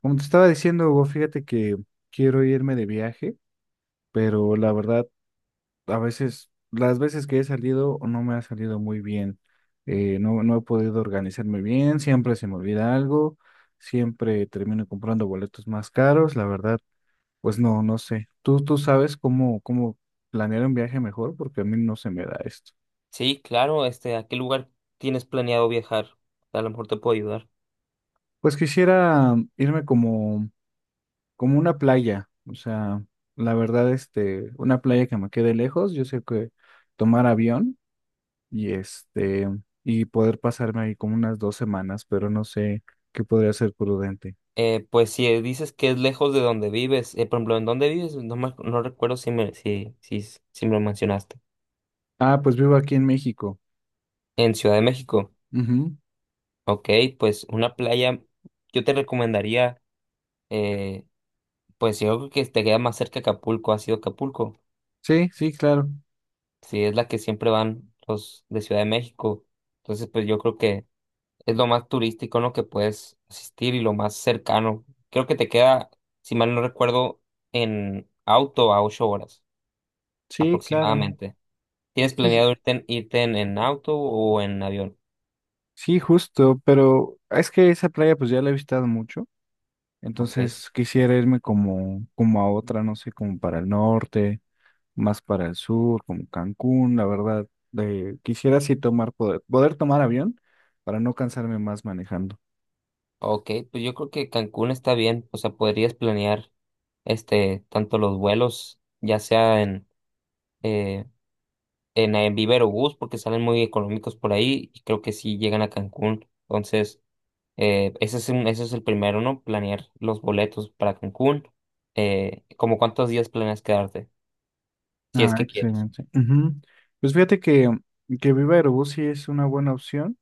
Como te estaba diciendo, Hugo, fíjate que quiero irme de viaje, pero la verdad, a veces, las veces que he salido no me ha salido muy bien. No, he podido organizarme bien, siempre se me olvida algo, siempre termino comprando boletos más caros, la verdad, pues no, no sé. Tú sabes cómo, cómo planear un viaje mejor, porque a mí no se me da esto. Sí, claro, ¿a qué lugar tienes planeado viajar? A lo mejor te puedo ayudar. Pues quisiera irme como una playa, o sea, la verdad, este, una playa que me quede lejos, yo sé que tomar avión y este, y poder pasarme ahí como unas dos semanas, pero no sé qué podría ser prudente. Pues si dices que es lejos de donde vives, por ejemplo, ¿en dónde vives? No recuerdo si me, si, si, s- si me lo mencionaste. Ah, pues vivo aquí en México. En Ciudad de México. Ujú. Ok, pues una playa, yo te recomendaría, eh, pues yo creo que te queda más cerca Acapulco, ha sido Acapulco. Sí, sí, claro. Sí, es la que siempre van los de Ciudad de México. Entonces, pues yo creo que es lo más turístico, en lo que puedes asistir y lo más cercano. Creo que te queda, si mal no recuerdo, en auto a 8 horas Sí, claro. aproximadamente. ¿Tienes Sí, planeado irte en auto o en avión? sí, justo, pero es que esa playa pues ya la he visitado mucho, Ok. entonces quisiera irme como, como a otra, no sé, como para el norte más para el sur, como Cancún, la verdad. Quisiera sí tomar, poder, poder tomar avión para no cansarme más manejando. Ok, pues yo creo que Cancún está bien. O sea, podrías planear tanto los vuelos, ya sea en eh, en Viva Aerobús, porque salen muy económicos por ahí, y creo que sí llegan a Cancún. Entonces, ese es el primero, ¿no? Planear los boletos para Cancún. ¿Cómo cuántos días planeas quedarte? Si es Ah, que quieres. excelente. Ujú. Pues fíjate que Viva Aerobús sí es una buena opción,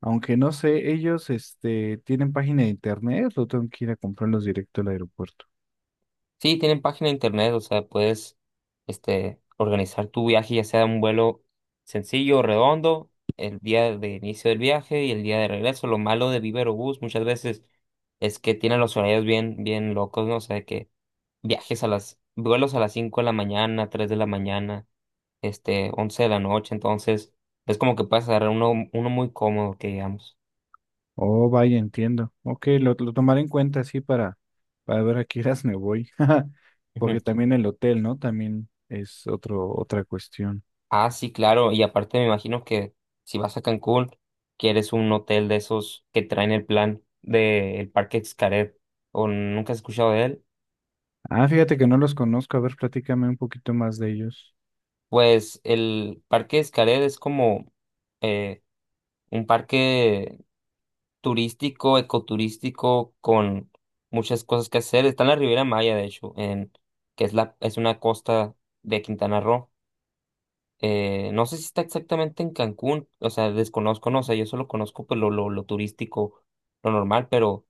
aunque no sé, ellos este, tienen página de internet, lo tengo que ir a comprarlos directo al aeropuerto. Sí, tienen página de internet, o sea, puedes organizar tu viaje, ya sea un vuelo sencillo o redondo, el día de inicio del viaje y el día de regreso. Lo malo de Viva Aerobús muchas veces es que tienen los horarios bien locos, ¿no? O sea, que vuelos a las 5 de la mañana, 3 de la mañana, 11 de la noche, entonces es como que puedes agarrar uno muy cómodo, que digamos. Oh, vaya, entiendo. Ok, lo tomaré en cuenta así para ver a qué horas me voy. Ujú. Porque también el hotel, ¿no? También es otro, otra cuestión. Ah, sí, claro, y aparte me imagino que si vas a Cancún, quieres un hotel de esos que traen el plan del Parque Xcaret, o nunca has escuchado de él. Ah, fíjate que no los conozco. A ver, platícame un poquito más de ellos. Pues el Parque Xcaret es como eh, un parque turístico, ecoturístico, con muchas cosas que hacer. Está en la Riviera Maya, que es, es una costa de Quintana Roo. No sé si está exactamente en Cancún, o sea, desconozco, no, o sea, yo solo conozco pues, lo turístico, lo normal, pero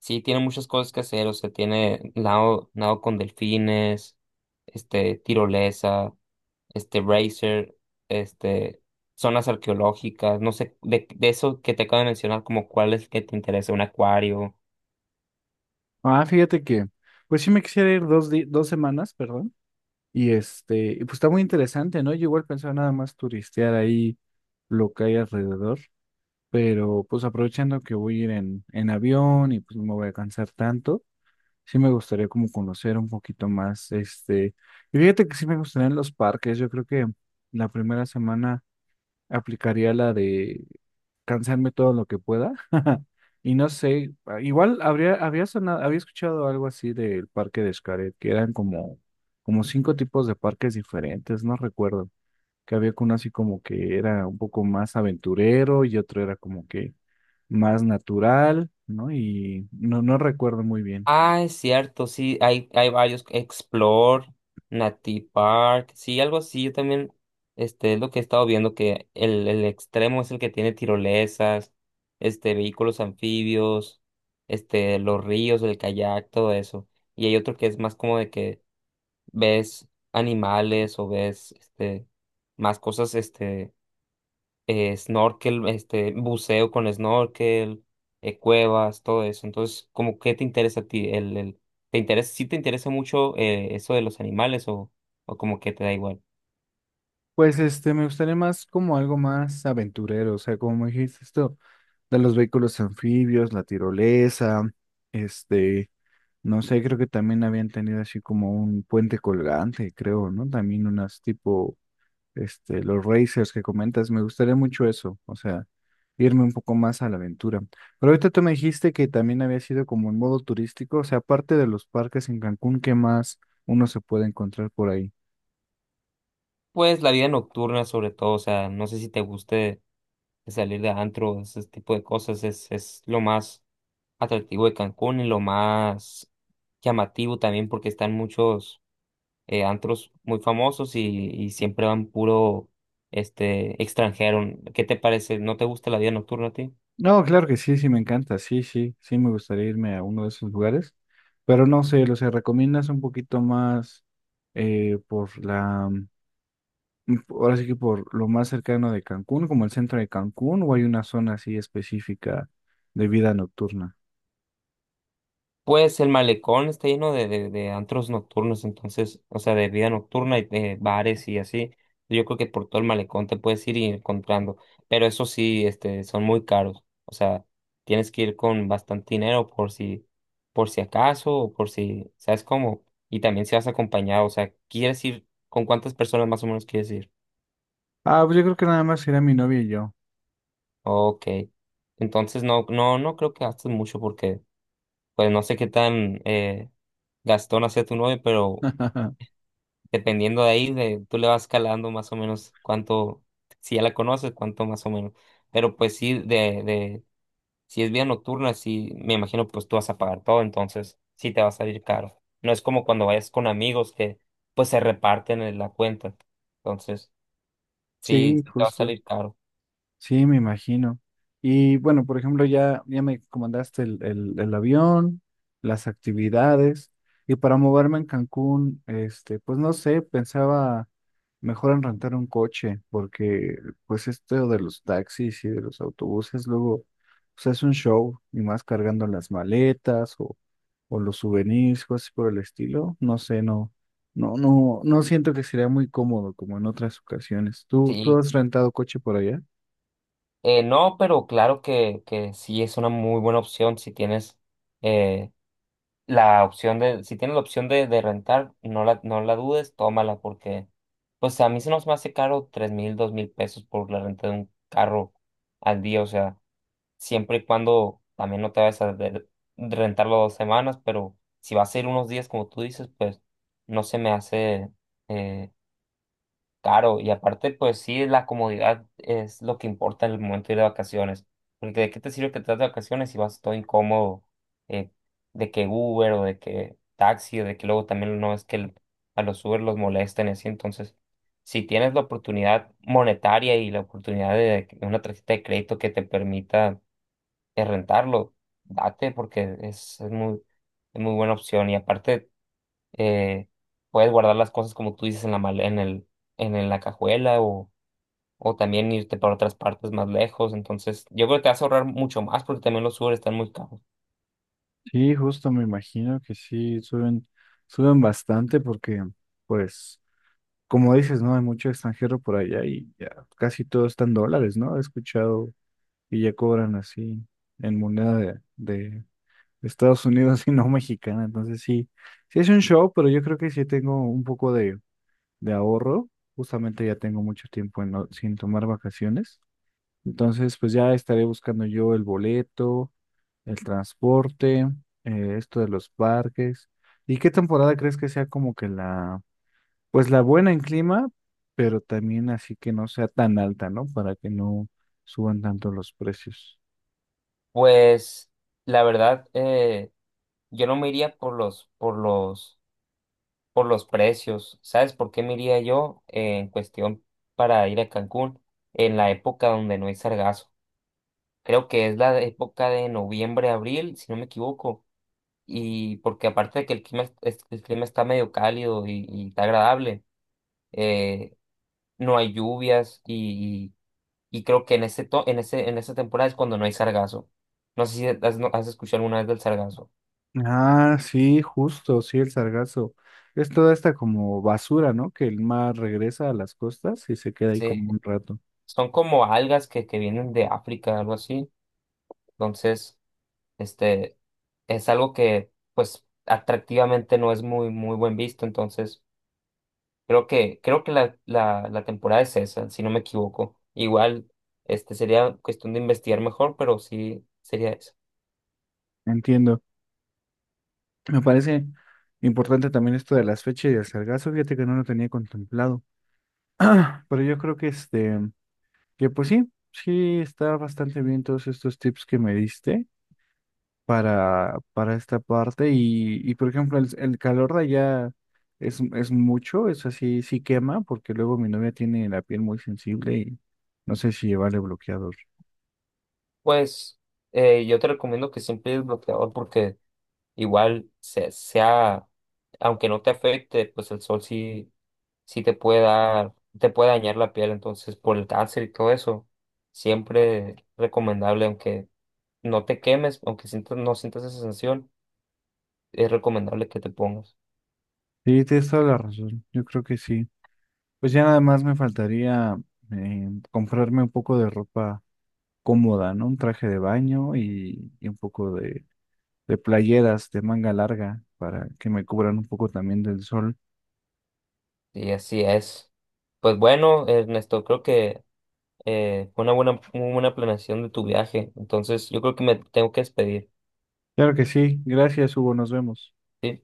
sí tiene muchas cosas que hacer, o sea, tiene nado con delfines, tirolesa, racer, este, zonas arqueológicas, no sé, de eso que te acabo de mencionar, como cuál es el que te interesa, un acuario. Ah, fíjate que, pues sí me quisiera ir dos, dos semanas, perdón. Y este, y pues está muy interesante, ¿no? Yo igual pensaba nada más turistear ahí lo que hay alrededor, pero pues aprovechando que voy a ir en avión y pues no me voy a cansar tanto, sí me gustaría como conocer un poquito más, este. Y fíjate que sí me gustaría en los parques. Yo creo que la primera semana aplicaría la de cansarme todo lo que pueda. Y no sé, ah, igual habría, había sonado, había escuchado algo así del parque de Xcaret, que eran como, como cinco tipos de parques diferentes, no recuerdo. Que había uno así como que era un poco más aventurero y otro era como que más natural, ¿no? Y no, no recuerdo muy bien. Ah, es cierto, sí, hay varios, Explore, Nati Park, sí, algo así, yo también, es lo que he estado viendo, que el extremo es el que tiene tirolesas, vehículos anfibios, los ríos, el kayak, todo eso, y hay otro que es más como de que ves animales o ves, más cosas, snorkel, buceo con snorkel, cuevas, todo eso. Entonces, ¿cómo qué te interesa a ti? ¿Sí te interesa mucho eso de los animales o como que te da igual? Pues este, me gustaría más como algo más aventurero, o sea, como me dijiste esto de los vehículos anfibios, la tirolesa, este, no sé, creo que también habían tenido así como un puente colgante, creo, ¿no? También unas tipo, este, los racers que comentas, me gustaría mucho eso, o sea, irme un poco más a la aventura. Pero ahorita tú me dijiste que también había sido como en modo turístico, o sea, aparte de los parques en Cancún, ¿qué más uno se puede encontrar por ahí? Pues la vida nocturna sobre todo, o sea, no sé si te guste salir de antro, ese tipo de cosas, es lo más atractivo de Cancún y lo más llamativo también porque están muchos antros muy famosos y siempre van puro extranjero. ¿Qué te parece? ¿No te gusta la vida nocturna a ti? No, claro que sí, sí me encanta, sí, sí, sí me gustaría irme a uno de esos lugares, pero no sé, o sea, recomiendas un poquito más por la, ahora sí que por lo más cercano de Cancún, como el centro de Cancún, o hay una zona así específica de vida nocturna. Pues el malecón está lleno de antros nocturnos, entonces, o sea, de vida nocturna y de bares y así. Yo creo que por todo el malecón te puedes ir y encontrando, pero eso sí, son muy caros. O sea, tienes que ir con bastante dinero por si acaso o por si, ¿sabes cómo? Y también si vas acompañado, o sea, ¿quieres ir? ¿Con cuántas personas más o menos quieres ir? Ah, pues yo creo que nada más será mi novia y yo. Ok. Entonces no creo que gastes mucho porque, pues no sé qué tan gastón sea tu novia, pero dependiendo de ahí, de, tú le vas calando más o menos cuánto, si ya la conoces, cuánto más o menos. Pero pues sí, si es vía nocturna, sí, me imagino pues tú vas a pagar todo, entonces sí te va a salir caro. No es como cuando vayas con amigos que pues se reparten en la cuenta. Entonces, Sí, sí te va a justo. salir caro. Sí, me imagino. Y bueno, por ejemplo, ya, ya me comandaste el avión, las actividades, y para moverme en Cancún, este, pues no sé, pensaba mejor en rentar un coche, porque pues esto de los taxis y de los autobuses, luego, pues es un show, y más cargando las maletas o los souvenirs, cosas por el estilo, no sé, no, no, no siento que sería muy cómodo como en otras ocasiones. ¿Tú Sí. has rentado coche por allá? No, Pero claro que sí es una muy buena opción si tienes eh, si tienes la opción de rentar, no la dudes, tómala, porque pues a mí se nos me hace caro 3,000, 2,000 pesos por la renta de un carro al día, o sea, siempre y cuando también no te vayas rentarlo 2 semanas, pero si vas a ir unos días como tú dices, pues no se me hace eh, caro y aparte, pues sí, la comodidad es lo que importa en el momento de ir de vacaciones. Porque de qué te sirve que te das de vacaciones si vas todo incómodo, eh, de que Uber o de que taxi, o de que luego también no es que el- a los Uber los molesten y así. Entonces, si tienes la oportunidad monetaria y la oportunidad de que una tarjeta de crédito que te permita rentarlo, date porque es muy buena opción. Y aparte eh, puedes guardar las cosas como tú dices en la male- en el, en la cajuela o también irte para otras partes más lejos. Entonces, yo creo que te vas a ahorrar mucho más porque también los Uber están muy caros. Sí, justo me imagino que sí, suben, suben bastante porque, pues, como dices, ¿no? Hay mucho extranjero por allá y ya casi todo está en dólares, ¿no? He escuchado y ya cobran así en moneda de Estados Unidos y no mexicana. Entonces sí, sí es un show, pero yo creo que sí tengo un poco de ahorro. Justamente ya tengo mucho tiempo en sin tomar vacaciones. Entonces, pues ya estaré buscando yo el boleto el transporte, esto de los parques. ¿Y qué temporada crees que sea como que la, pues la buena en clima, pero también así que no sea tan alta, ¿no? Para que no suban tanto los precios. Pues la verdad, yo no me iría por los precios. ¿Sabes por qué me iría yo en cuestión para ir a Cancún en la época donde no hay sargazo? Creo que es la época de noviembre, abril, si no me equivoco, y porque aparte de que el clima está medio cálido y está agradable, eh, no hay lluvias y, y, creo que en ese to- en ese, en esa temporada es cuando no hay sargazo. No sé si has, no- has escuchado alguna vez del sargazo. Ah, sí, justo, sí, el sargazo. Es toda esta como basura, ¿no? Que el mar regresa a las costas y se queda ahí Sí, como un rato. son como algas que vienen de África, algo así. Entonces, este, es algo que, pues, atractivamente no es muy buen visto. Entonces, creo que la temporada es esa, si no me equivoco. Igual, sería cuestión de investigar mejor, pero sí sería eso. Entiendo. Me parece importante también esto de las fechas y el sargazo. Fíjate que no lo tenía contemplado. Pero yo creo que este, que pues sí, sí está bastante bien todos estos tips que me diste para esta parte. Y por ejemplo, el calor de allá es mucho, es así, sí quema, porque luego mi novia tiene la piel muy sensible y no sé si llevarle bloqueador. Pues yo te recomiendo que siempre el bloqueador porque igual sea, aunque no te afecte, pues el sol sí, sí te puede dar, te puede dañar la piel, entonces por el cáncer y todo eso, siempre recomendable, aunque no te quemes, no sientas esa sensación, es recomendable que te pongas. Sí, tienes toda la razón. Yo creo que sí. Pues ya nada más me faltaría comprarme un poco de ropa cómoda, ¿no? Un traje de baño y un poco de playeras de manga larga para que me cubran un poco también del sol. Y así es. Pues bueno, Ernesto, creo que muy buena planeación de tu viaje. Entonces, yo creo que me tengo que despedir. Claro que sí, gracias Hugo, nos vemos. ¿Sí?